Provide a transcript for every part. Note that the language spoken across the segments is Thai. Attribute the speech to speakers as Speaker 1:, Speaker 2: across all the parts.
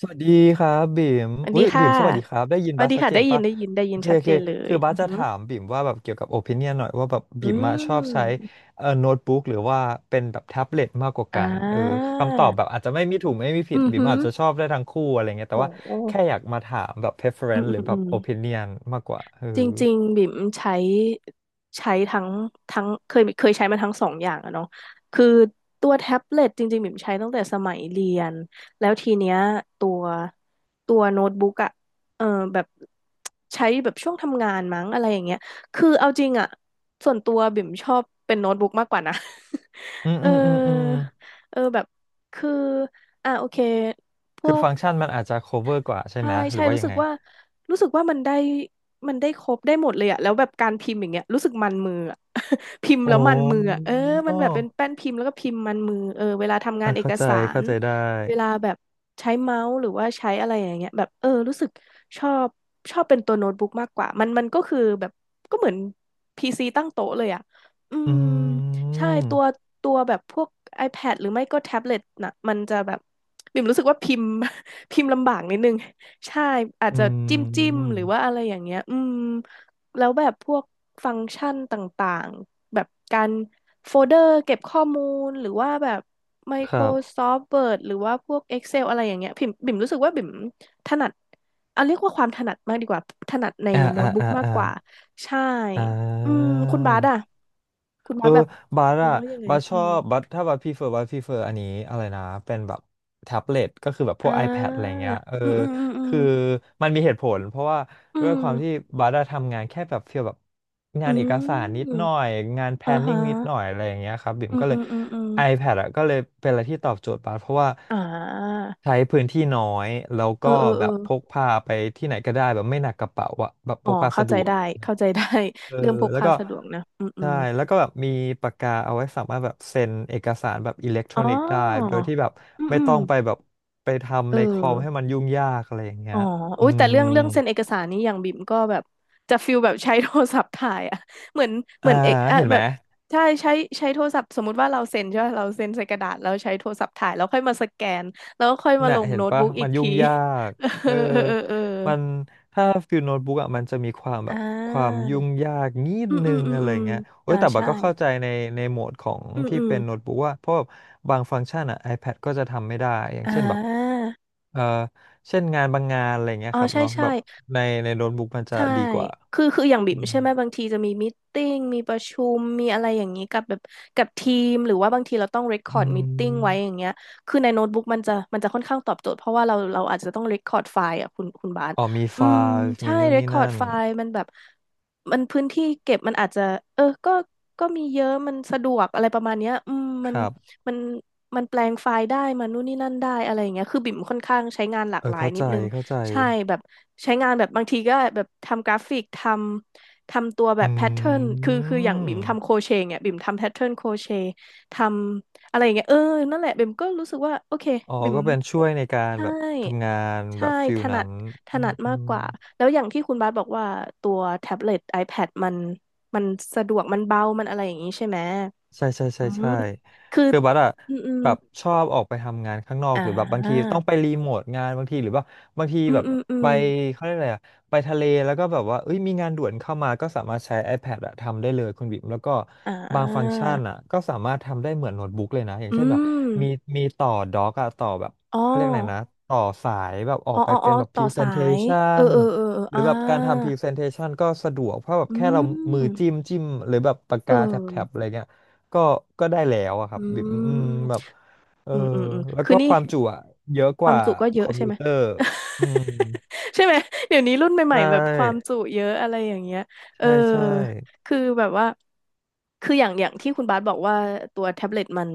Speaker 1: สวัสดีครับบิ่ม
Speaker 2: สวัส
Speaker 1: อุ้
Speaker 2: ดี
Speaker 1: ย
Speaker 2: ค่ะ
Speaker 1: บิ่มสวัสดีครับได้ยิน
Speaker 2: สวั
Speaker 1: บั
Speaker 2: ส
Speaker 1: ส
Speaker 2: ดี
Speaker 1: ชัด
Speaker 2: ค่ะ
Speaker 1: เจ
Speaker 2: ได้
Speaker 1: น
Speaker 2: ยิน
Speaker 1: ปะ
Speaker 2: ได้ยินได้
Speaker 1: โอ
Speaker 2: ยิน
Speaker 1: เค
Speaker 2: ชัด
Speaker 1: โอ
Speaker 2: เจ
Speaker 1: เค
Speaker 2: นเล
Speaker 1: คื
Speaker 2: ย
Speaker 1: อบั
Speaker 2: อื
Speaker 1: ส
Speaker 2: อ
Speaker 1: จะ
Speaker 2: หือ
Speaker 1: ถามบิ่มว่าแบบเกี่ยวกับโอ i ิเนียนหน่อยว่าแบบ
Speaker 2: อื
Speaker 1: บิ่มอะชอบใช้
Speaker 2: ม
Speaker 1: โน้ตบุ๊กหรือว่าเป็นแบบแท็บเล็ตมากกว่า
Speaker 2: อ่
Speaker 1: กันเออ
Speaker 2: า
Speaker 1: คำตอบแบบอาจจะไม่มีถูกไม่มีผิด
Speaker 2: อือ
Speaker 1: บิ่ม
Speaker 2: หือ
Speaker 1: อาจจะชอบได้ทั้งคู่อะไรเงี้ย
Speaker 2: โ
Speaker 1: แต่ว่า
Speaker 2: ห
Speaker 1: แค่อยากมาถามแบบ
Speaker 2: อืม
Speaker 1: preference
Speaker 2: อื
Speaker 1: หรือ
Speaker 2: ม
Speaker 1: แบ
Speaker 2: อื
Speaker 1: บโอ i ิ
Speaker 2: ม
Speaker 1: เนียนมากกว่าเออ
Speaker 2: จริงๆบิ่มใช้ทั้งเคยใช้มาทั้งสองอย่างอะเนาะคือตัวแท็บเล็ตจริงๆบิ่มใช้ตั้งแต่สมัยเรียนแล้วทีเนี้ยตัวตัวโน้ตบุ๊กอะเออแบบใช้แบบช่วงทำงานมั้งอะไรอย่างเงี้ยคือเอาจริงอะส่วนตัวบิ่มชอบเป็นโน้ตบุ๊กมากกว่านะ
Speaker 1: อืม
Speaker 2: เออ
Speaker 1: อืมอืมอืม
Speaker 2: เออแบบคืออ่ะโอเคพ
Speaker 1: คื
Speaker 2: ว
Speaker 1: อ
Speaker 2: ก
Speaker 1: ฟังก์ชันมันอาจจะ cover กว่าใช่
Speaker 2: ใช่
Speaker 1: ไหมห
Speaker 2: ใช่
Speaker 1: รือว่า
Speaker 2: รู้
Speaker 1: ยัง
Speaker 2: สึก
Speaker 1: ไง
Speaker 2: ว่ารู้สึกว่ามันได้ครบได้หมดเลยอะแล้วแบบการพิมพ์อย่างเงี้ยรู้สึกมันมืออะ พิมพ์
Speaker 1: โอ้
Speaker 2: แล้วมันมืออะเออมันแบบเป็นแป้นพิมพ์แล้วก็พิมพ์มันมือเออเวลาทำงา
Speaker 1: อ่ะ
Speaker 2: นเอก
Speaker 1: เข้าใจ
Speaker 2: สา
Speaker 1: เข้า
Speaker 2: ร
Speaker 1: ใจได้
Speaker 2: เวลาแบบใช้เมาส์หรือว่าใช้อะไรอย่างเงี้ยแบบเออรู้สึกชอบชอบเป็นตัวโน้ตบุ๊กมากกว่ามันก็คือแบบก็เหมือนพีซีตั้งโต๊ะเลยอะอื
Speaker 1: อ
Speaker 2: ม
Speaker 1: ื
Speaker 2: ใช่ตั
Speaker 1: ม
Speaker 2: วตัวแบบพวก iPad หรือไม่ก็แท็บเล็ตน่ะมันจะแบบบิ่มรู้สึกว่าพิมพ์ พิมพ์ลำบากนิดนึง ใช่อาจ
Speaker 1: อื
Speaker 2: จะจิ้มจิ้มหรือว่า
Speaker 1: ม
Speaker 2: อะไรอย่างเงี้ยอืมแล้วแบบพวกฟังก์ชันต่างๆแบบการโฟลเดอร์เก็บข้อมูลหรือว่าแบบ
Speaker 1: ครับ
Speaker 2: Microsoft Word หรือว่าพวก Excel อะไรอย่างเงี้ยบิ่มรู้สึกว่าบิ่มถนัดเอาเรียกว่าความถนัดมากดีกว่าถนัดใน
Speaker 1: อ่า
Speaker 2: โน้
Speaker 1: อ่า
Speaker 2: ตบุ๊ก
Speaker 1: อ่า
Speaker 2: มาก
Speaker 1: อ่า
Speaker 2: กว่าใช่
Speaker 1: อ่
Speaker 2: อืม
Speaker 1: า
Speaker 2: คุณบาสอะคุณ
Speaker 1: เอ
Speaker 2: บา
Speaker 1: อ
Speaker 2: สแบบ
Speaker 1: บัส
Speaker 2: มอ
Speaker 1: อะ
Speaker 2: งว่ายังไง
Speaker 1: บัสช
Speaker 2: อื
Speaker 1: อ
Speaker 2: ม
Speaker 1: บบัสถ้าบัสพรีเฟอร์บัสพรีเฟอร์อันนี้อะไรนะเป็นแบบแท็บเล็ตก็คือแบบพ
Speaker 2: อ่
Speaker 1: วก iPad อะไร
Speaker 2: า
Speaker 1: เงี้ยเออ
Speaker 2: อืมอืมอืม
Speaker 1: คือมันมีเหตุผลเพราะว่า
Speaker 2: อื
Speaker 1: ด้วยค
Speaker 2: ม
Speaker 1: วามที่บัสอะทำงานแค่แบบฟีลแบบงา
Speaker 2: อื
Speaker 1: นเอก
Speaker 2: ม
Speaker 1: สารนิด
Speaker 2: อื
Speaker 1: ห
Speaker 2: ม
Speaker 1: น่อยงาน
Speaker 2: อ่าฮะ
Speaker 1: planning นิดหน่อยอะไรอย่างเงี้ยครับบิ่ม
Speaker 2: อืม
Speaker 1: ก็เล
Speaker 2: อื
Speaker 1: ย
Speaker 2: มอืมอืม
Speaker 1: iPad อะก็เลยเป็นอะไรที่ตอบโจทย์บัสเพราะว่า
Speaker 2: อ่า
Speaker 1: ใช้พื้นที่น้อยแล้ว
Speaker 2: เออ
Speaker 1: ก็
Speaker 2: เออ
Speaker 1: แบ
Speaker 2: เออ
Speaker 1: บพกพาไปที่ไหนก็ได้แบบไม่หนักกระเป๋าอะแบบพ
Speaker 2: อ๋อ
Speaker 1: กพา
Speaker 2: เข้า
Speaker 1: สะด
Speaker 2: ใจ
Speaker 1: วก
Speaker 2: ได้เข้าใจได้
Speaker 1: เออ
Speaker 2: เรื่องพก
Speaker 1: แล้ว
Speaker 2: พา
Speaker 1: ก็
Speaker 2: สะดวกนะอืมอื
Speaker 1: ใช่
Speaker 2: ม
Speaker 1: แล้วก็แบบมีปากกาเอาไว้สามารถแบบเซ็นเอกสารแบบอิเล็กทร
Speaker 2: อ๋
Speaker 1: อ
Speaker 2: อ
Speaker 1: นิกส์ได้โดยที่แบบ
Speaker 2: อืม
Speaker 1: ไม่
Speaker 2: อืม
Speaker 1: ต้องไปแบบไป
Speaker 2: เอ
Speaker 1: ทำในคอมให้มั
Speaker 2: อ
Speaker 1: นยุ่งยากอะไรอย่างเงี้
Speaker 2: อ๋อ
Speaker 1: ยอื
Speaker 2: อุ้ยแต่เรื่
Speaker 1: ม
Speaker 2: องเรื่องเซ็นเอกสารนี้อย่างบิ่มก็แบบจะฟิลแบบใช้โทรศัพท์ถ่ายอะ เหมือนเหมื
Speaker 1: อ่า
Speaker 2: อนเอกอะ
Speaker 1: เห็น
Speaker 2: แบ
Speaker 1: ไหม
Speaker 2: บใช่ใช้โทรศัพท์สมมุติว่าเราเซ็นใช่ไหมเราเซ็นใส่กระดาษแล้วใช้โทรศัพท์ถ่ายแล้วค่อยมาสแกนแล้วค่อยมาล
Speaker 1: น่ะ
Speaker 2: ง
Speaker 1: เห็น
Speaker 2: โน้ต
Speaker 1: ปะ
Speaker 2: บุ๊กอี
Speaker 1: มั
Speaker 2: ก
Speaker 1: นยุ่
Speaker 2: ที
Speaker 1: งยาก
Speaker 2: เอ
Speaker 1: เอ
Speaker 2: อ
Speaker 1: อ
Speaker 2: เออเออเออ
Speaker 1: มันถ้าฟิลโน้ตบุ๊กอ่ะมันจะมีความแบ
Speaker 2: อ่
Speaker 1: บความ
Speaker 2: า
Speaker 1: ยุ่งยากนิด
Speaker 2: อืม
Speaker 1: นึ
Speaker 2: อืม
Speaker 1: ง
Speaker 2: อืม
Speaker 1: อะไร
Speaker 2: อืม
Speaker 1: เงี้ยโอ้ยแต่บัด
Speaker 2: ใช่
Speaker 1: ก็เข้าใจในโหมดของ
Speaker 2: อืม
Speaker 1: ที่
Speaker 2: อืม
Speaker 1: เป็นโน้ตบุ๊กว่าเพราะแบบบางฟังก์ชันอ่ะ iPad ก็จะทำไม่ได้อย่าง
Speaker 2: อ่
Speaker 1: เช่นแบบ
Speaker 2: า
Speaker 1: เออเช่นงานบางงานอะไรเงี้ย
Speaker 2: อ๋อ
Speaker 1: ครับ
Speaker 2: ใช่
Speaker 1: เนาะ
Speaker 2: ใช่
Speaker 1: แบบในโน้ตบุ๊กมันจะ
Speaker 2: ใช่
Speaker 1: ดีกว่า
Speaker 2: คืออย่างบิ่
Speaker 1: อื
Speaker 2: ม
Speaker 1: ม
Speaker 2: ใช่ไหมบางทีจะมีมตติ팅มีประชุมมีอะไรอย่างนี้กับแบบกับทีมหรือว่าบางทีเราต้อง r ร c คอ
Speaker 1: อื
Speaker 2: ร์ดม t i ิ팅ไว้อ
Speaker 1: ม
Speaker 2: ย่างเงี้ยคือในโน้ตบุ๊กมันจะค่อนข้างตอบโจทย์เพราะว่าเราอาจจะต้อง r ร c คอร์ดไฟล์อ่ะคุณบาส
Speaker 1: อ๋อมีไฟ
Speaker 2: อืม
Speaker 1: ล์
Speaker 2: ใช่
Speaker 1: มีนู่น
Speaker 2: r ร c
Speaker 1: นี่
Speaker 2: คอร์ด
Speaker 1: นั่น
Speaker 2: ไฟล์มันแบบมันพื้นที่เก็บมันอาจจะเออก็มีเยอะมันสะดวกอะไรประมาณเนี้ยอืม
Speaker 1: ครับ
Speaker 2: มันมันแปลงไฟล์ได้มันนู่นนี่นั่นได้อะไรอย่างเงี้ยคือบิ่มค่อนข้างใช้งานหลาก
Speaker 1: เอ
Speaker 2: ห
Speaker 1: อ
Speaker 2: ลาย
Speaker 1: เข้า
Speaker 2: นิ
Speaker 1: ใจ
Speaker 2: ดนึง
Speaker 1: เข้าใจ
Speaker 2: ใช่แบบใช้งานแบบบางทีก็แบบทำกราฟิกทำตัวแบ
Speaker 1: อ
Speaker 2: บแพทเทิร์น
Speaker 1: ื
Speaker 2: คืออย่างบิ่ม
Speaker 1: ม
Speaker 2: ทำโครเชต์เนี่ยบิ่มทำแพทเทิร์นโครเชต์ทำอะไรอย่างเงี้ยเออนั่นแหละบิ่มก็รู้สึกว่าโอเค
Speaker 1: อ๋อ
Speaker 2: บิ่ม
Speaker 1: ก็เป็นช่วยในการ
Speaker 2: ใช่
Speaker 1: แบบทำงานแบ
Speaker 2: ใช่
Speaker 1: บฟิ
Speaker 2: ถ
Speaker 1: ล
Speaker 2: นั
Speaker 1: นั้
Speaker 2: ด
Speaker 1: น
Speaker 2: ถ
Speaker 1: อื
Speaker 2: นั
Speaker 1: ม
Speaker 2: ด
Speaker 1: อื
Speaker 2: มากก
Speaker 1: ม
Speaker 2: ว่าแล้วอย่างที่คุณบาสบอกว่าตัวแท็บเล็ต iPad มันสะดวกมันเบามันอะไรอย่างงี้ใช่ไหม
Speaker 1: ใช่ใช่ใช่
Speaker 2: อืม
Speaker 1: ใช่
Speaker 2: คือ
Speaker 1: คือบัสอะ
Speaker 2: อืมอืม
Speaker 1: แบบชอบออกไปทำงานข้างนอก
Speaker 2: อ่า
Speaker 1: หรือแบบบางทีต้องไปรีโมทงานบางทีหรือว่าบางที
Speaker 2: อืม
Speaker 1: แบบ
Speaker 2: อืมอื
Speaker 1: ไป
Speaker 2: ม
Speaker 1: เขาเรียกอะไรอะไปทะเลแล้วก็แบบว่าเอ้ยมีงานด่วนเข้ามาก็สามารถใช้ iPad อะทำได้เลยคุณบิ๊มแล้วก็
Speaker 2: อ่
Speaker 1: บางฟังก์
Speaker 2: า
Speaker 1: ชันอะก็สามารถทำได้เหมือนโน้ตบุ๊กเลยนะอย่าง
Speaker 2: อื
Speaker 1: เช่นแบบ
Speaker 2: ม
Speaker 1: มีมีต่อด็อกอะต่อแบบ
Speaker 2: อ๋อ
Speaker 1: เขาเรียกอะไรนะต่อสายแบบออ
Speaker 2: อ๋อ
Speaker 1: กไป
Speaker 2: อ๋ออ๋
Speaker 1: เป็
Speaker 2: อ
Speaker 1: นแบบ
Speaker 2: ต่อสายเออ
Speaker 1: presentation
Speaker 2: เออเออเออ
Speaker 1: หรื
Speaker 2: อ่า
Speaker 1: อแบบการทำ presentation ก็สะดวกเพราะแบบ
Speaker 2: อื
Speaker 1: แค่เรามือ
Speaker 2: ม
Speaker 1: จิ้มจิ้มหรือแบบปาก
Speaker 2: เอ
Speaker 1: กาแท็บแท็บอะไร
Speaker 2: อ
Speaker 1: เงี้ย ก็ก็ได้แล้วอะครั
Speaker 2: อื
Speaker 1: บบิมอื
Speaker 2: ม
Speaker 1: มแบบเออ
Speaker 2: อืมอืมอืม
Speaker 1: แล้ว
Speaker 2: คือ
Speaker 1: ก็
Speaker 2: นี่
Speaker 1: ความจุอะเยอะ
Speaker 2: ค
Speaker 1: ก
Speaker 2: วาม
Speaker 1: ว่า
Speaker 2: จุก็เย
Speaker 1: คอ
Speaker 2: อะ
Speaker 1: ม
Speaker 2: ใช่
Speaker 1: พิ
Speaker 2: ไห
Speaker 1: ว
Speaker 2: ม
Speaker 1: เตอร์อืม
Speaker 2: ใช่ไหมเดี๋ยวนี้รุ่นให
Speaker 1: ใช
Speaker 2: ม่ๆแบบความ
Speaker 1: ่
Speaker 2: จุเยอะอะไรอย่างเงี้ยเออ
Speaker 1: ใช่ใช่
Speaker 2: คือแบบว่าคืออย่างอย่างที่คุณบาสบอกว่าตัวแท็บเล็ตมัน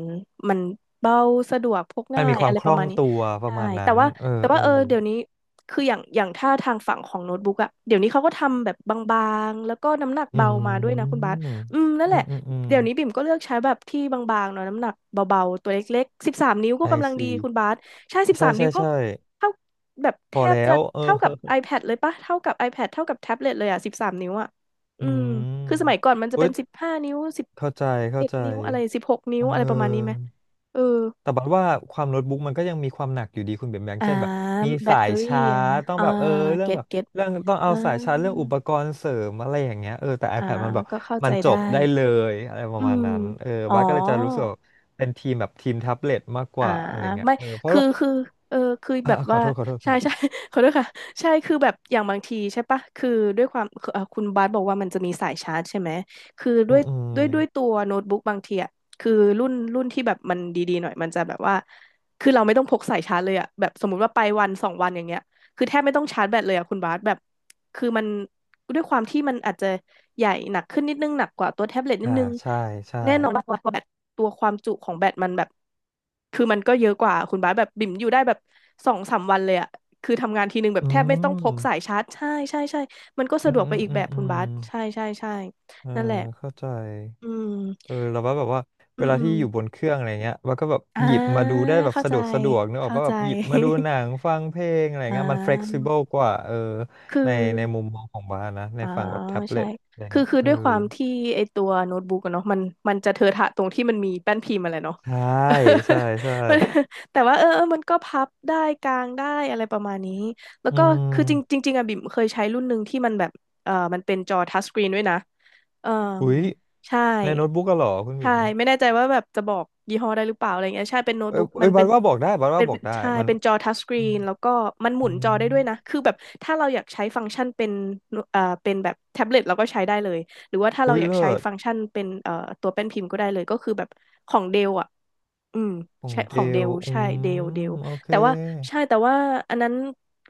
Speaker 2: มันเบาสะดวกพก
Speaker 1: มัน
Speaker 2: ง่า
Speaker 1: มี
Speaker 2: ย
Speaker 1: ควา
Speaker 2: อะ
Speaker 1: ม
Speaker 2: ไร
Speaker 1: ค
Speaker 2: ป
Speaker 1: ล่
Speaker 2: ระ
Speaker 1: อง
Speaker 2: มาณนี้
Speaker 1: ตัวป
Speaker 2: ใช่
Speaker 1: ระมาณ
Speaker 2: แต่
Speaker 1: นั้น
Speaker 2: ว่า
Speaker 1: เอ
Speaker 2: แต่
Speaker 1: อเอ
Speaker 2: ว่าเออ
Speaker 1: อ
Speaker 2: เดี๋ยวนี้คืออย่างอย่างถ้าทางฝั่งของโน้ตบุ๊กอะเดี๋ยวนี้เขาก็ทำแบบบางๆแล้วก็น้ำหนัก
Speaker 1: อ
Speaker 2: เบามาด้ว
Speaker 1: ื
Speaker 2: ยนะคุณบาส
Speaker 1: ม
Speaker 2: อืมนั่น
Speaker 1: อื
Speaker 2: แหละ
Speaker 1: มอืมอืม
Speaker 2: เดี๋ยวนี้บิ่มก็เลือกใช้แบบที่บางๆเนาะน้ำหนักเบาๆตัวเล็กๆสิบสามนิ้วก็
Speaker 1: ไอ
Speaker 2: กำลังดี
Speaker 1: ซี
Speaker 2: คุณบาส ใช่สิบ
Speaker 1: ใช่
Speaker 2: สาม
Speaker 1: ใช่
Speaker 2: นิ้วก็
Speaker 1: ใช่
Speaker 2: เท่าแบบ
Speaker 1: พ
Speaker 2: แท
Speaker 1: อ
Speaker 2: บ
Speaker 1: แล้
Speaker 2: จะ
Speaker 1: วเออ
Speaker 2: เท่ากับ iPad เลยปะเท่ากับ iPad เท่ากับแท็บเล็ตเลยอ่ะ13 นิ้วอ่ะอื
Speaker 1: อื
Speaker 2: ม
Speaker 1: ม
Speaker 2: คือสมัยก่อนมันจะ
Speaker 1: เว้
Speaker 2: เป็
Speaker 1: ย
Speaker 2: น15 นิ้วสิบ
Speaker 1: เข้าใจเข้า
Speaker 2: เอ็ด
Speaker 1: ใจ
Speaker 2: นิ้วอะไร16 นิ้ว
Speaker 1: เอ
Speaker 2: อะไรประมาณนี้ไหม
Speaker 1: อ
Speaker 2: เออ
Speaker 1: แต่บัดว่าความโน้ตบุ๊กมันก็ยังมีความหนักอยู่ดีคุณเบนแบง
Speaker 2: อ่า
Speaker 1: เช่นแบบมี
Speaker 2: แบต
Speaker 1: สา
Speaker 2: เต
Speaker 1: ย
Speaker 2: อรี่
Speaker 1: ชา
Speaker 2: อะไร
Speaker 1: ร์จ
Speaker 2: เงี้ย
Speaker 1: ต้องแบบเออเรื่อง
Speaker 2: เก็ต
Speaker 1: แบบ
Speaker 2: เก็ต
Speaker 1: เรื่องต้องเอา
Speaker 2: อ่า
Speaker 1: สายชาร์จเรื่องอุปกรณ์เสริมอะไรอย่างเงี้ยเออแต่
Speaker 2: อ่า
Speaker 1: iPad มันแบบ
Speaker 2: ก็เข้า
Speaker 1: มั
Speaker 2: ใจ
Speaker 1: นจ
Speaker 2: ได้
Speaker 1: บได้เลยอะไรป
Speaker 2: อื
Speaker 1: ระมาณ
Speaker 2: ม
Speaker 1: นั้นเออ
Speaker 2: อ๋อ
Speaker 1: บัสก็เลยจะรู้สึกว่าเป็นทีมแบบทีมแท็บเล็ตมากก
Speaker 2: อ่า
Speaker 1: ว่าอะไรเงี้ย
Speaker 2: ไม่
Speaker 1: เออเพราะ
Speaker 2: คือ
Speaker 1: ว่า
Speaker 2: คือเออคือ
Speaker 1: อ่า
Speaker 2: แบบ
Speaker 1: ขอ
Speaker 2: ว่า
Speaker 1: โทษขอโทษคุ
Speaker 2: ใช่
Speaker 1: ณ
Speaker 2: ใช่ ขอโทษค่ะใช่คือแบบอย่างบางทีใช่ปะคือด้วยความคือเอ่อคุณบาสบอกว่ามันจะมีสายชาร์จใช่ไหมคือ
Speaker 1: อื
Speaker 2: ด้ว
Speaker 1: ม
Speaker 2: ย
Speaker 1: อืม
Speaker 2: ด้วยด้วยตัวโน้ตบุ๊กบางทีอ่ะคือรุ่นที่แบบมันดีๆหน่อยมันจะแบบว่าคือเราไม่ต้องพกสายชาร์จเลยอ่ะแบบสมมุติว่าไปวันสองวันอย่างเงี้ยคือแทบไม่ต้องชาร์จแบตเลยอ่ะคุณบาสแบบคือมันด้วยความที่มันอาจจะใหญ่หนักขึ้นนิดนึงหนักกว่าตัวแท็บเล็ตนิด
Speaker 1: อ่า
Speaker 2: นึง
Speaker 1: ใช่ใช่
Speaker 2: แน่นอนว่าแบตตัวความจุของแบต มันแบบ คือมันก็เยอะกว่า คุณบาสแบบบิ่มอยู่ได้แบบสองสามวันเลยอะคือทำงานทีนึงแบบ
Speaker 1: อื
Speaker 2: แทบไม่ต้องพกสาย
Speaker 1: ม
Speaker 2: ชาร์จใช่ใช่ใช่มันก็
Speaker 1: อื
Speaker 2: สะด
Speaker 1: ม
Speaker 2: วกไป
Speaker 1: อืม
Speaker 2: อีก
Speaker 1: อื
Speaker 2: แบ
Speaker 1: ม
Speaker 2: บ
Speaker 1: อื
Speaker 2: คุณ
Speaker 1: ม
Speaker 2: บาสใช่ใช่ใช่
Speaker 1: เออ
Speaker 2: นั่นแหละ
Speaker 1: เข้าใจ
Speaker 2: อื
Speaker 1: เอ
Speaker 2: ม
Speaker 1: อเราว่าแบบว่า
Speaker 2: อื
Speaker 1: เว
Speaker 2: ม
Speaker 1: ลา
Speaker 2: อื
Speaker 1: ที่
Speaker 2: ม
Speaker 1: อยู่บนเครื่องอะไรเงี้ยมันก็แบบ
Speaker 2: อ่า
Speaker 1: หยิบมาดูได้แบบ
Speaker 2: เข้า
Speaker 1: สะ
Speaker 2: ใจ
Speaker 1: ดวกสะดวกนึกออก
Speaker 2: เข้า
Speaker 1: ว่า
Speaker 2: ใจ
Speaker 1: แบบหยิบมาดูหนังฟังเพลงอะไร
Speaker 2: อ่
Speaker 1: เงี้ยมัน
Speaker 2: า
Speaker 1: flexible กว่าเออ
Speaker 2: คือ
Speaker 1: ในมุมมองของบ้านนะใน
Speaker 2: อ่า
Speaker 1: ฝั่งแบบแท็บ
Speaker 2: ใช่
Speaker 1: เล็ตอะไร
Speaker 2: คือ
Speaker 1: เงี้ย
Speaker 2: คือ
Speaker 1: เออ
Speaker 2: ด้วยความที่ไอตัวโน้ตบุ๊กอะเนาะมันจะเทอะทะตรงที่มันมีแป้นพิมพ์อะไรเนาะ
Speaker 1: ใช่ใช่ ใช่
Speaker 2: มันแต่ว่าเออมันก็พับได้กางได้อะไรประมาณนี้ แล้ว
Speaker 1: อื
Speaker 2: ก็คือจริงจ
Speaker 1: ม
Speaker 2: ริงๆอะบิ่มเคยใช้รุ่นหนึ่งที่มันแบบเออมันเป็นจอทัชสกรีนด้วยนะเออ
Speaker 1: อุ๊ย
Speaker 2: ใช่
Speaker 1: ในโน้ตบุ๊กก็หรอคุณ
Speaker 2: ใช่
Speaker 1: บิ๋ม
Speaker 2: ไม่แน่ใจว่าแบบจะบอกยี่ห้อได้หรือเปล่าอะไรเงี้ยใช่เป็นโน้ต
Speaker 1: เอ้ย
Speaker 2: บุ๊ก
Speaker 1: เอ้
Speaker 2: มัน
Speaker 1: ย
Speaker 2: เป็
Speaker 1: บัด
Speaker 2: น
Speaker 1: ว่าบอกได้บัดว่า
Speaker 2: เป็น
Speaker 1: บอ
Speaker 2: เป็
Speaker 1: ก
Speaker 2: น
Speaker 1: ได้
Speaker 2: ใช่
Speaker 1: มัน
Speaker 2: เป็นจอทัชสกรี
Speaker 1: อืม
Speaker 2: นแล้วก็มันหมุ
Speaker 1: อื
Speaker 2: นจ
Speaker 1: ม
Speaker 2: อได้ด้วยนะคือแบบถ้าเราอยากใช้ฟังก์ชันเป็น เป็นแบบแท็บเล็ตเราก็ใช้ได้เลยหรือว่าถ้า
Speaker 1: อุ๊
Speaker 2: เรา
Speaker 1: ย
Speaker 2: อยาก
Speaker 1: เลิ
Speaker 2: ใช้
Speaker 1: ศ
Speaker 2: ฟังก์ชันเป็นตัวแป้นพิมพ์ก็ได้เลยก็คือแบบของเดลอ่ะอืม
Speaker 1: ของ
Speaker 2: ใช่ข
Speaker 1: เด
Speaker 2: องเด
Speaker 1: ล
Speaker 2: ล
Speaker 1: อื
Speaker 2: ใช่เดล
Speaker 1: มโอเค
Speaker 2: แต่ว่าใช่แต่ว่าอันนั้น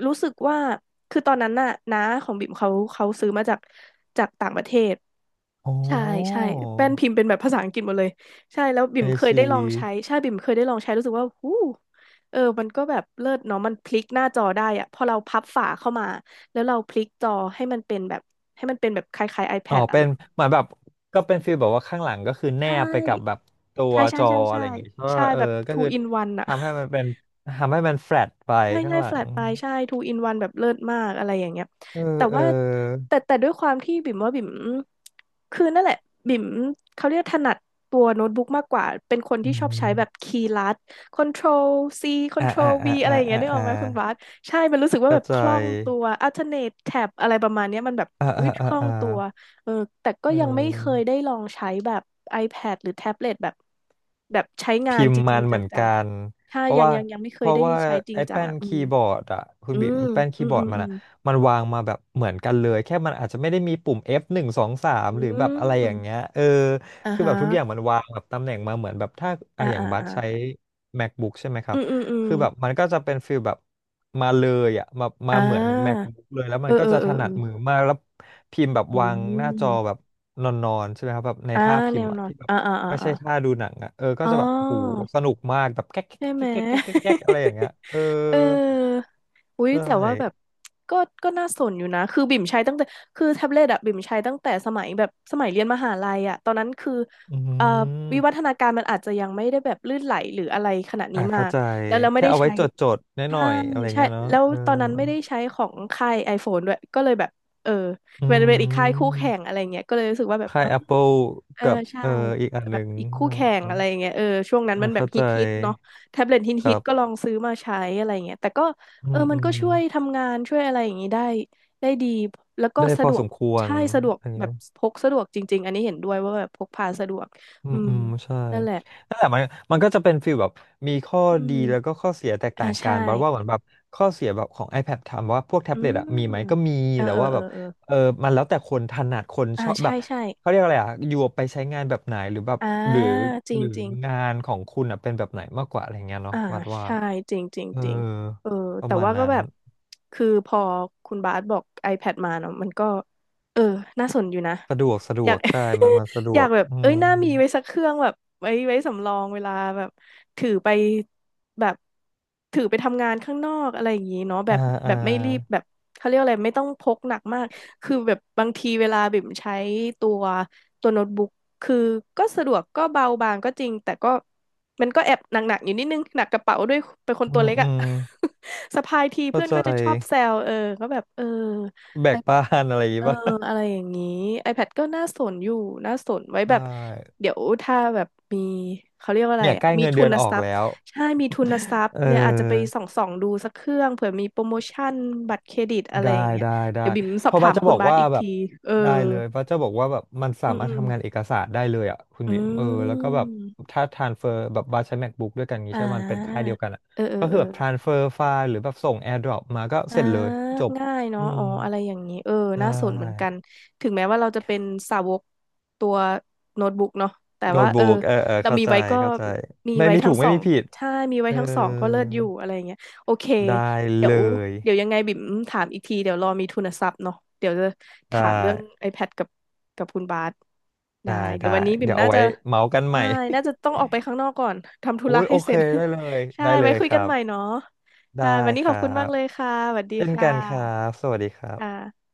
Speaker 2: รู้สึกว่าคือตอนนั้นน่ะน้าของบิ่มเขาซื้อมาจากจากต่างประเทศ
Speaker 1: โอ้
Speaker 2: ใช่ใช่แป้นพิมพ์เป็นแบบภาษาอังกฤษหมดเลยใช่แล้วบิ่
Speaker 1: ไอ
Speaker 2: มเคยได้
Speaker 1: ซี
Speaker 2: ลองใช้ใช่บิ่มเคยได้ลองใช้รู้สึกว่าหูเออมันก็แบบเลิศเนาะมันพลิกหน้าจอได้อะพอเราพับฝาเข้ามาแล้วเราพลิกจอให้มันเป็นแบบให้มันเป็นแบบคล้ายๆ
Speaker 1: อ๋อ
Speaker 2: iPad อะ
Speaker 1: เป็
Speaker 2: ไร
Speaker 1: น
Speaker 2: แบบ
Speaker 1: เหมือนแบบก็เป็นฟีลแบบว่าข้างหลังก็คือแน
Speaker 2: ใช่
Speaker 1: บไปกับแบบตัว
Speaker 2: ใช่ใช่
Speaker 1: จอ
Speaker 2: ใช่
Speaker 1: อะ
Speaker 2: ใช่
Speaker 1: ไรอย่างงี้เพราะว่า
Speaker 2: ใช่
Speaker 1: เออ
Speaker 2: แบบ
Speaker 1: ก็
Speaker 2: two
Speaker 1: คือ
Speaker 2: in one อะ
Speaker 1: ทำให้มันเป็นทำให้มันแฟลตไป
Speaker 2: ใช่
Speaker 1: ข้าง
Speaker 2: ใช่
Speaker 1: หลั
Speaker 2: แฟล
Speaker 1: ง
Speaker 2: ตปลายใช่ทู in one แบบเลิศมาก อะไรอย่างเงี้ย
Speaker 1: เออ
Speaker 2: แต่
Speaker 1: เออ
Speaker 2: ว่าแต่ด้วยความที่บิ่มว่าบิ่ม คือนั่นแหละ บิ่มเขาเรียกถนัดตัวโน้ตบุ๊กมากกว่า เป็นคน
Speaker 1: อื
Speaker 2: ที่ชอบใช้
Speaker 1: ม
Speaker 2: แบบคีย์ลัด Control C
Speaker 1: อ่าอ่า
Speaker 2: Control V
Speaker 1: อ่า
Speaker 2: อะไร
Speaker 1: อ่า
Speaker 2: อย่างเงี้
Speaker 1: อ่า
Speaker 2: ยนึกอ
Speaker 1: อ่า
Speaker 2: อกไหมคุณบาสใช่ มันรู้สึกว่า
Speaker 1: เข้า
Speaker 2: แบบ
Speaker 1: ใจ
Speaker 2: คล่องตัว Alternate Tab อะไรประมาณเนี้ยมันแบบ
Speaker 1: อ่าอ่า
Speaker 2: วิค
Speaker 1: อ่า
Speaker 2: ล่อง
Speaker 1: อ่า
Speaker 2: ตัวเออแต่ก็
Speaker 1: เอ
Speaker 2: ยังไม่เคยได้
Speaker 1: อ
Speaker 2: ลองใช้แบบ iPad หรือแท็บเล็ตแบบแบบใช้งา
Speaker 1: พิ
Speaker 2: น
Speaker 1: ม
Speaker 2: จ
Speaker 1: พ์มั
Speaker 2: ริง
Speaker 1: น
Speaker 2: ๆจ
Speaker 1: เหมือน
Speaker 2: ัง
Speaker 1: กัน
Speaker 2: ถ้า
Speaker 1: เพราะ
Speaker 2: ยัง
Speaker 1: ว่า
Speaker 2: ยังยังไม่เค
Speaker 1: เพ
Speaker 2: ย
Speaker 1: ราะ
Speaker 2: ได้
Speaker 1: ว่า
Speaker 2: ใช้จริง
Speaker 1: ไอ้
Speaker 2: จัง
Speaker 1: แป้น
Speaker 2: อ่ะอื
Speaker 1: คี
Speaker 2: ม
Speaker 1: ย์บอร์ดอะคุณ
Speaker 2: อื
Speaker 1: บีม
Speaker 2: ม
Speaker 1: แป้นคี
Speaker 2: อื
Speaker 1: ย์บอร์ด
Speaker 2: ม
Speaker 1: มัน
Speaker 2: อืม
Speaker 1: อะมันวางมาแบบเหมือนกันเลยแค่มันอาจจะไม่ได้มีปุ่ม F หนึ่งสองสาม
Speaker 2: อื
Speaker 1: หรือแบบ
Speaker 2: ม
Speaker 1: อะไร
Speaker 2: อื
Speaker 1: อย่า
Speaker 2: ม
Speaker 1: งเงี้ยเออ
Speaker 2: อ่า
Speaker 1: คือแบ
Speaker 2: ฮะ
Speaker 1: บทุกอย่างมันวางแบบตำแหน่งมาเหมือนแบบถ้าอะ
Speaker 2: อ่า
Speaker 1: อย่าง
Speaker 2: อ่า
Speaker 1: บัส
Speaker 2: อ่า
Speaker 1: ใช้ MacBook ใช่ไหมครั
Speaker 2: อื
Speaker 1: บ
Speaker 2: มอืมอืม
Speaker 1: คือแบบมันก็จะเป็นฟิลแบบมาเลยอะมา
Speaker 2: อ่
Speaker 1: มาเหมือน
Speaker 2: า
Speaker 1: MacBook เลยแล้วมั
Speaker 2: เอ
Speaker 1: น
Speaker 2: อ
Speaker 1: ก็
Speaker 2: เอ
Speaker 1: จะ
Speaker 2: อเอ
Speaker 1: ถ
Speaker 2: อเอ
Speaker 1: นัด
Speaker 2: อ
Speaker 1: มือมากแล้วพิมพ์แบบ
Speaker 2: อื
Speaker 1: วางหน้าจอ
Speaker 2: ม
Speaker 1: แบบนอนๆใช่ไหมครับแบบใน
Speaker 2: อ่า
Speaker 1: ท่าพิ
Speaker 2: แน
Speaker 1: มพ์
Speaker 2: ว
Speaker 1: อะ
Speaker 2: นอน
Speaker 1: ที่แบบ
Speaker 2: อ่าอ่าอ่า
Speaker 1: ไม่
Speaker 2: อา
Speaker 1: ใช่ท่าดูหนังอ่ะเออก็
Speaker 2: อ๋
Speaker 1: จะแบบโห
Speaker 2: อ
Speaker 1: สนุกมากแบบแก๊กแก๊ก
Speaker 2: ใช่ไหม
Speaker 1: แก๊กแก๊กแก๊กแก๊กแก๊กอะไรอย่างเงี้ย เออ
Speaker 2: เอออุ้ย
Speaker 1: ใช่
Speaker 2: แต่ว่าแบบก็ก็น่าสนอยู่นะคือบิ่มใช้ตั้งแต่คือแท็บเล็ตอะบิ่มใช้ตั้งแต่สมัยแบบสมัยเรียนมหาลัยอะตอนนั้นคือ
Speaker 1: อื
Speaker 2: เอ่อวิวัฒ
Speaker 1: ม
Speaker 2: นาการมันอาจจะยังไม่ได้แบบลื่นไหลหรืออะไรขนาดนี้
Speaker 1: อ่ะ
Speaker 2: มา
Speaker 1: เข้า
Speaker 2: ก
Speaker 1: ใจ
Speaker 2: แล้วเราไม่
Speaker 1: แค่
Speaker 2: ได้
Speaker 1: เอาไว้
Speaker 2: ใช้
Speaker 1: จดจดน้อยหน่อ
Speaker 2: ใช่
Speaker 1: ยๆอะไร
Speaker 2: ใช่
Speaker 1: เงี้ยเนาะ
Speaker 2: แล้ว
Speaker 1: เออ
Speaker 2: ตอนนั้นไม่ได้ใช้ของค่าย iPhone ด้วยก็เลยแบบเออ
Speaker 1: อื
Speaker 2: มันเป็นอีกค่ายคู่แข่ง
Speaker 1: ม
Speaker 2: อะไรเงี้ยก็เลยรู้สึกว่าแบบ
Speaker 1: ค่าย Apple
Speaker 2: เออ
Speaker 1: กับ
Speaker 2: ใช่
Speaker 1: เอออีกอันห
Speaker 2: แบ
Speaker 1: นึ่
Speaker 2: บ
Speaker 1: ง
Speaker 2: อีก
Speaker 1: เอ
Speaker 2: คู่แข่ง
Speaker 1: อ
Speaker 2: อะไรอย่างเงี้ยเออช่วงนั้น
Speaker 1: อ่ะ
Speaker 2: มันแบบ
Speaker 1: เข้า
Speaker 2: ฮิ
Speaker 1: ใจ
Speaker 2: ตฮิตเนาะแท็บเล็ตฮิต
Speaker 1: ค
Speaker 2: ฮิ
Speaker 1: รั
Speaker 2: ตก็ล
Speaker 1: บ
Speaker 2: องซื้อมาใช้อะไรอย่างเงี้ยแต่ก็
Speaker 1: อื
Speaker 2: เออ
Speaker 1: ม
Speaker 2: มั
Speaker 1: อื
Speaker 2: นก็
Speaker 1: ม
Speaker 2: ช่วยทำงานช่วยอะไรอย่างงี้ได้ได้ดีแล้วก็
Speaker 1: ได้พ
Speaker 2: สะ
Speaker 1: อ
Speaker 2: ดว
Speaker 1: ส
Speaker 2: ก
Speaker 1: มควร
Speaker 2: ใช่สะดวก
Speaker 1: อันนี้
Speaker 2: แบบพกสะดวกจริงๆอันนี้เห็นด้วยว่าแบบพกพาสะดวก
Speaker 1: อื
Speaker 2: อื
Speaker 1: ม
Speaker 2: ม
Speaker 1: อืมใช่
Speaker 2: นั่นแหละ
Speaker 1: นั่นแหละมันก็จะเป็นฟีลแบบมีข้อ
Speaker 2: อื
Speaker 1: ดี
Speaker 2: ม
Speaker 1: แล้วก็ข้อเสียแตก
Speaker 2: อ่า
Speaker 1: ต่างกั
Speaker 2: ใช่
Speaker 1: นบัดว่าเหมือนแบบข้อเสียแบบของ iPad ถามว่าพวกแท็
Speaker 2: อื
Speaker 1: บเล็ตอะมีไหม
Speaker 2: ม
Speaker 1: ก็มี
Speaker 2: เออ
Speaker 1: แต่
Speaker 2: เออ
Speaker 1: ว่า
Speaker 2: เอ
Speaker 1: แบ
Speaker 2: อ
Speaker 1: บ
Speaker 2: เออ
Speaker 1: เออมันแล้วแต่คนถนัดคน
Speaker 2: อ่า
Speaker 1: ชอบแบ
Speaker 2: ใช่
Speaker 1: บ
Speaker 2: ใช่
Speaker 1: เขาเรียกอะไรอะอยู่ไปใช้งานแบบไหนหรือแบบ
Speaker 2: อ่า
Speaker 1: หรือ
Speaker 2: จริ
Speaker 1: ห
Speaker 2: ง
Speaker 1: รือ
Speaker 2: จริง
Speaker 1: งานของคุณอะเป็นแบบไหนมากกว่าอะไรเงี้ยเนาะ
Speaker 2: อ่า
Speaker 1: วัดว่า
Speaker 2: ใช่จริงจริง
Speaker 1: เออ
Speaker 2: จริงเออ
Speaker 1: ประ
Speaker 2: แต่
Speaker 1: มาณ
Speaker 2: ว่าก็
Speaker 1: นั้น
Speaker 2: แบบคือพอคุณบาสบอก iPad มาเนาะมันก็เออน่าสนอยู่นะ
Speaker 1: สะดวกสะด
Speaker 2: อ
Speaker 1: ว
Speaker 2: ยาก
Speaker 1: กใช่มันสะด
Speaker 2: อ
Speaker 1: ว
Speaker 2: ยาก
Speaker 1: ก
Speaker 2: แบบ
Speaker 1: อื
Speaker 2: เอ้ย
Speaker 1: ม
Speaker 2: น่ามีไว้สักเครื่องแบบไว้ไว้สำรองเวลาแบบถือไปแบบถือไปทำงานข้างนอกอะไรอย่างนี้เนาะแบ
Speaker 1: อ่า
Speaker 2: บแบ
Speaker 1: อ่า
Speaker 2: บไม่รีบแบบเขาเรียกอะไรไม่ต้องพกหนักมากคือแบบบางทีเวลาบิ่มใช้ตัวตัวโน้ตบุ๊กคือก็สะดวกก็เบาบางก็จริงแต่ก็ มันก็แอบหนักๆอยู่นิดนึงหนักกระเป๋าด้วยเป็นคน
Speaker 1: อื
Speaker 2: ตัว
Speaker 1: ม
Speaker 2: เล็ก
Speaker 1: อื
Speaker 2: อะ
Speaker 1: ม
Speaker 2: สะพายที
Speaker 1: เข้า
Speaker 2: เพื่อน
Speaker 1: ใจ
Speaker 2: ก็จะชอบแซวเออก็แบบเออ
Speaker 1: แบกบ้า
Speaker 2: iPad
Speaker 1: นอะไรอย่าง
Speaker 2: เอ
Speaker 1: งี้
Speaker 2: อ
Speaker 1: ป่ะ
Speaker 2: อะไรอย่างนี้ iPad ก็น่าสนอยู่น่าสนไว้แบ
Speaker 1: ใช่
Speaker 2: บเดี๋ยวถ้าแบบมีเขาเรียกว่าอะไร
Speaker 1: เนี่ยใก
Speaker 2: อะ
Speaker 1: ล้
Speaker 2: มี
Speaker 1: เงิน
Speaker 2: ทุ
Speaker 1: เดือน
Speaker 2: น
Speaker 1: ออ
Speaker 2: ท
Speaker 1: ก
Speaker 2: รัพ
Speaker 1: แล้
Speaker 2: ย์
Speaker 1: ว
Speaker 2: ใช่มีทุนทรัพ ย์
Speaker 1: เอ
Speaker 2: เนี่ยอาจจะไป
Speaker 1: อ
Speaker 2: ส่องดูสักเครื่องเผื่อมีโปรโมชั่นบัตรเครดิตอะไร
Speaker 1: ได้
Speaker 2: อย่างเงี้ย
Speaker 1: ได้ได้
Speaker 2: เดี๋ยวบิ่มส
Speaker 1: เพ
Speaker 2: อบ
Speaker 1: ราะบั
Speaker 2: ถา
Speaker 1: ส
Speaker 2: ม
Speaker 1: จะ
Speaker 2: คุ
Speaker 1: บ
Speaker 2: ณ
Speaker 1: อก
Speaker 2: บาส
Speaker 1: ว่า
Speaker 2: อีก
Speaker 1: แบ
Speaker 2: ที
Speaker 1: บ
Speaker 2: เออ
Speaker 1: ได้เลยบัสจะบอกว่าแบบมันสา
Speaker 2: อืม
Speaker 1: มา
Speaker 2: อื
Speaker 1: รถ
Speaker 2: ม
Speaker 1: ทำงานเอกสารได้เลยอ่ะคุณ
Speaker 2: อื
Speaker 1: บิ๊มเออแล้วก็แบบ
Speaker 2: ม
Speaker 1: ถ้า transfer แบบบัสใช้ MacBook ด้วยกันงี้
Speaker 2: อ่
Speaker 1: ใช่ไหมมันเป็นค่าย
Speaker 2: า
Speaker 1: เดียวกันอ่ะ
Speaker 2: เออเอ
Speaker 1: ก็
Speaker 2: อเอ
Speaker 1: คือ
Speaker 2: อ
Speaker 1: แบบ transfer ไฟล์หรือแบบส่ง AirDrop มาก็
Speaker 2: อ่า
Speaker 1: เสร็จเลยจบ
Speaker 2: ง่าย
Speaker 1: อื
Speaker 2: เนาะ
Speaker 1: ม
Speaker 2: อ๋ออะไรอย่างนี้ เออ
Speaker 1: ได
Speaker 2: น่าสนเหมือนกั
Speaker 1: ้
Speaker 2: น ถึงแม้ว่าเราจะเป็นสาวกตัวโน้ตบุ๊กเนาะแต่
Speaker 1: โน้
Speaker 2: ว่า
Speaker 1: ต
Speaker 2: เอ
Speaker 1: บุ๊
Speaker 2: อ
Speaker 1: กเออเออ
Speaker 2: เรา
Speaker 1: เข้า
Speaker 2: มี
Speaker 1: ใจ
Speaker 2: ไว้ก็
Speaker 1: เข้าใจ
Speaker 2: มี
Speaker 1: ไม่
Speaker 2: ไว้
Speaker 1: มี
Speaker 2: ทั้
Speaker 1: ถู
Speaker 2: ง
Speaker 1: ก
Speaker 2: ส
Speaker 1: ไม่
Speaker 2: อ
Speaker 1: มี
Speaker 2: ง
Speaker 1: ผิด
Speaker 2: ใช่ มีไว้
Speaker 1: เออ
Speaker 2: ทั้งสองก็เลิศอยู่อะไรอย่างเงี้ยโอเค
Speaker 1: ได้
Speaker 2: เดี๋ย
Speaker 1: เล
Speaker 2: ว
Speaker 1: ย
Speaker 2: เดี๋ยวยังไงบิ่มถามอีกทีเดี๋ยวรอมีทุนทรัพย์เนาะเดี๋ยวจะ
Speaker 1: ได้
Speaker 2: ถามเรื่อง iPad กับกับคุณบาสได้
Speaker 1: ได้
Speaker 2: เดี๋ย
Speaker 1: ได้
Speaker 2: ววันนี้บิ่ม
Speaker 1: เดี๋ยวเอา
Speaker 2: น่าจะ
Speaker 1: ไว้เมาส์กันให
Speaker 2: ใช่
Speaker 1: ม่
Speaker 2: น่าจะต้องออกไปข้างนอกก่อนทำ ธุ
Speaker 1: โอ้
Speaker 2: ระ
Speaker 1: ยโอ
Speaker 2: ให้เส
Speaker 1: เค
Speaker 2: ร็จ
Speaker 1: ได้เลย
Speaker 2: ใช่
Speaker 1: ได้เล
Speaker 2: ไว้
Speaker 1: ย
Speaker 2: คุ
Speaker 1: ค
Speaker 2: ยกั
Speaker 1: รั
Speaker 2: นใหม่
Speaker 1: บ
Speaker 2: เนาะ
Speaker 1: ได้
Speaker 2: ค่ะวันนี้
Speaker 1: ค
Speaker 2: ขอ
Speaker 1: รั
Speaker 2: บคุณมาก
Speaker 1: บ
Speaker 2: เลยค่ะสวัสดี
Speaker 1: เช่น
Speaker 2: ค่
Speaker 1: กันครั
Speaker 2: ะ
Speaker 1: บสวัสดีครั
Speaker 2: ค
Speaker 1: บ
Speaker 2: ่ะ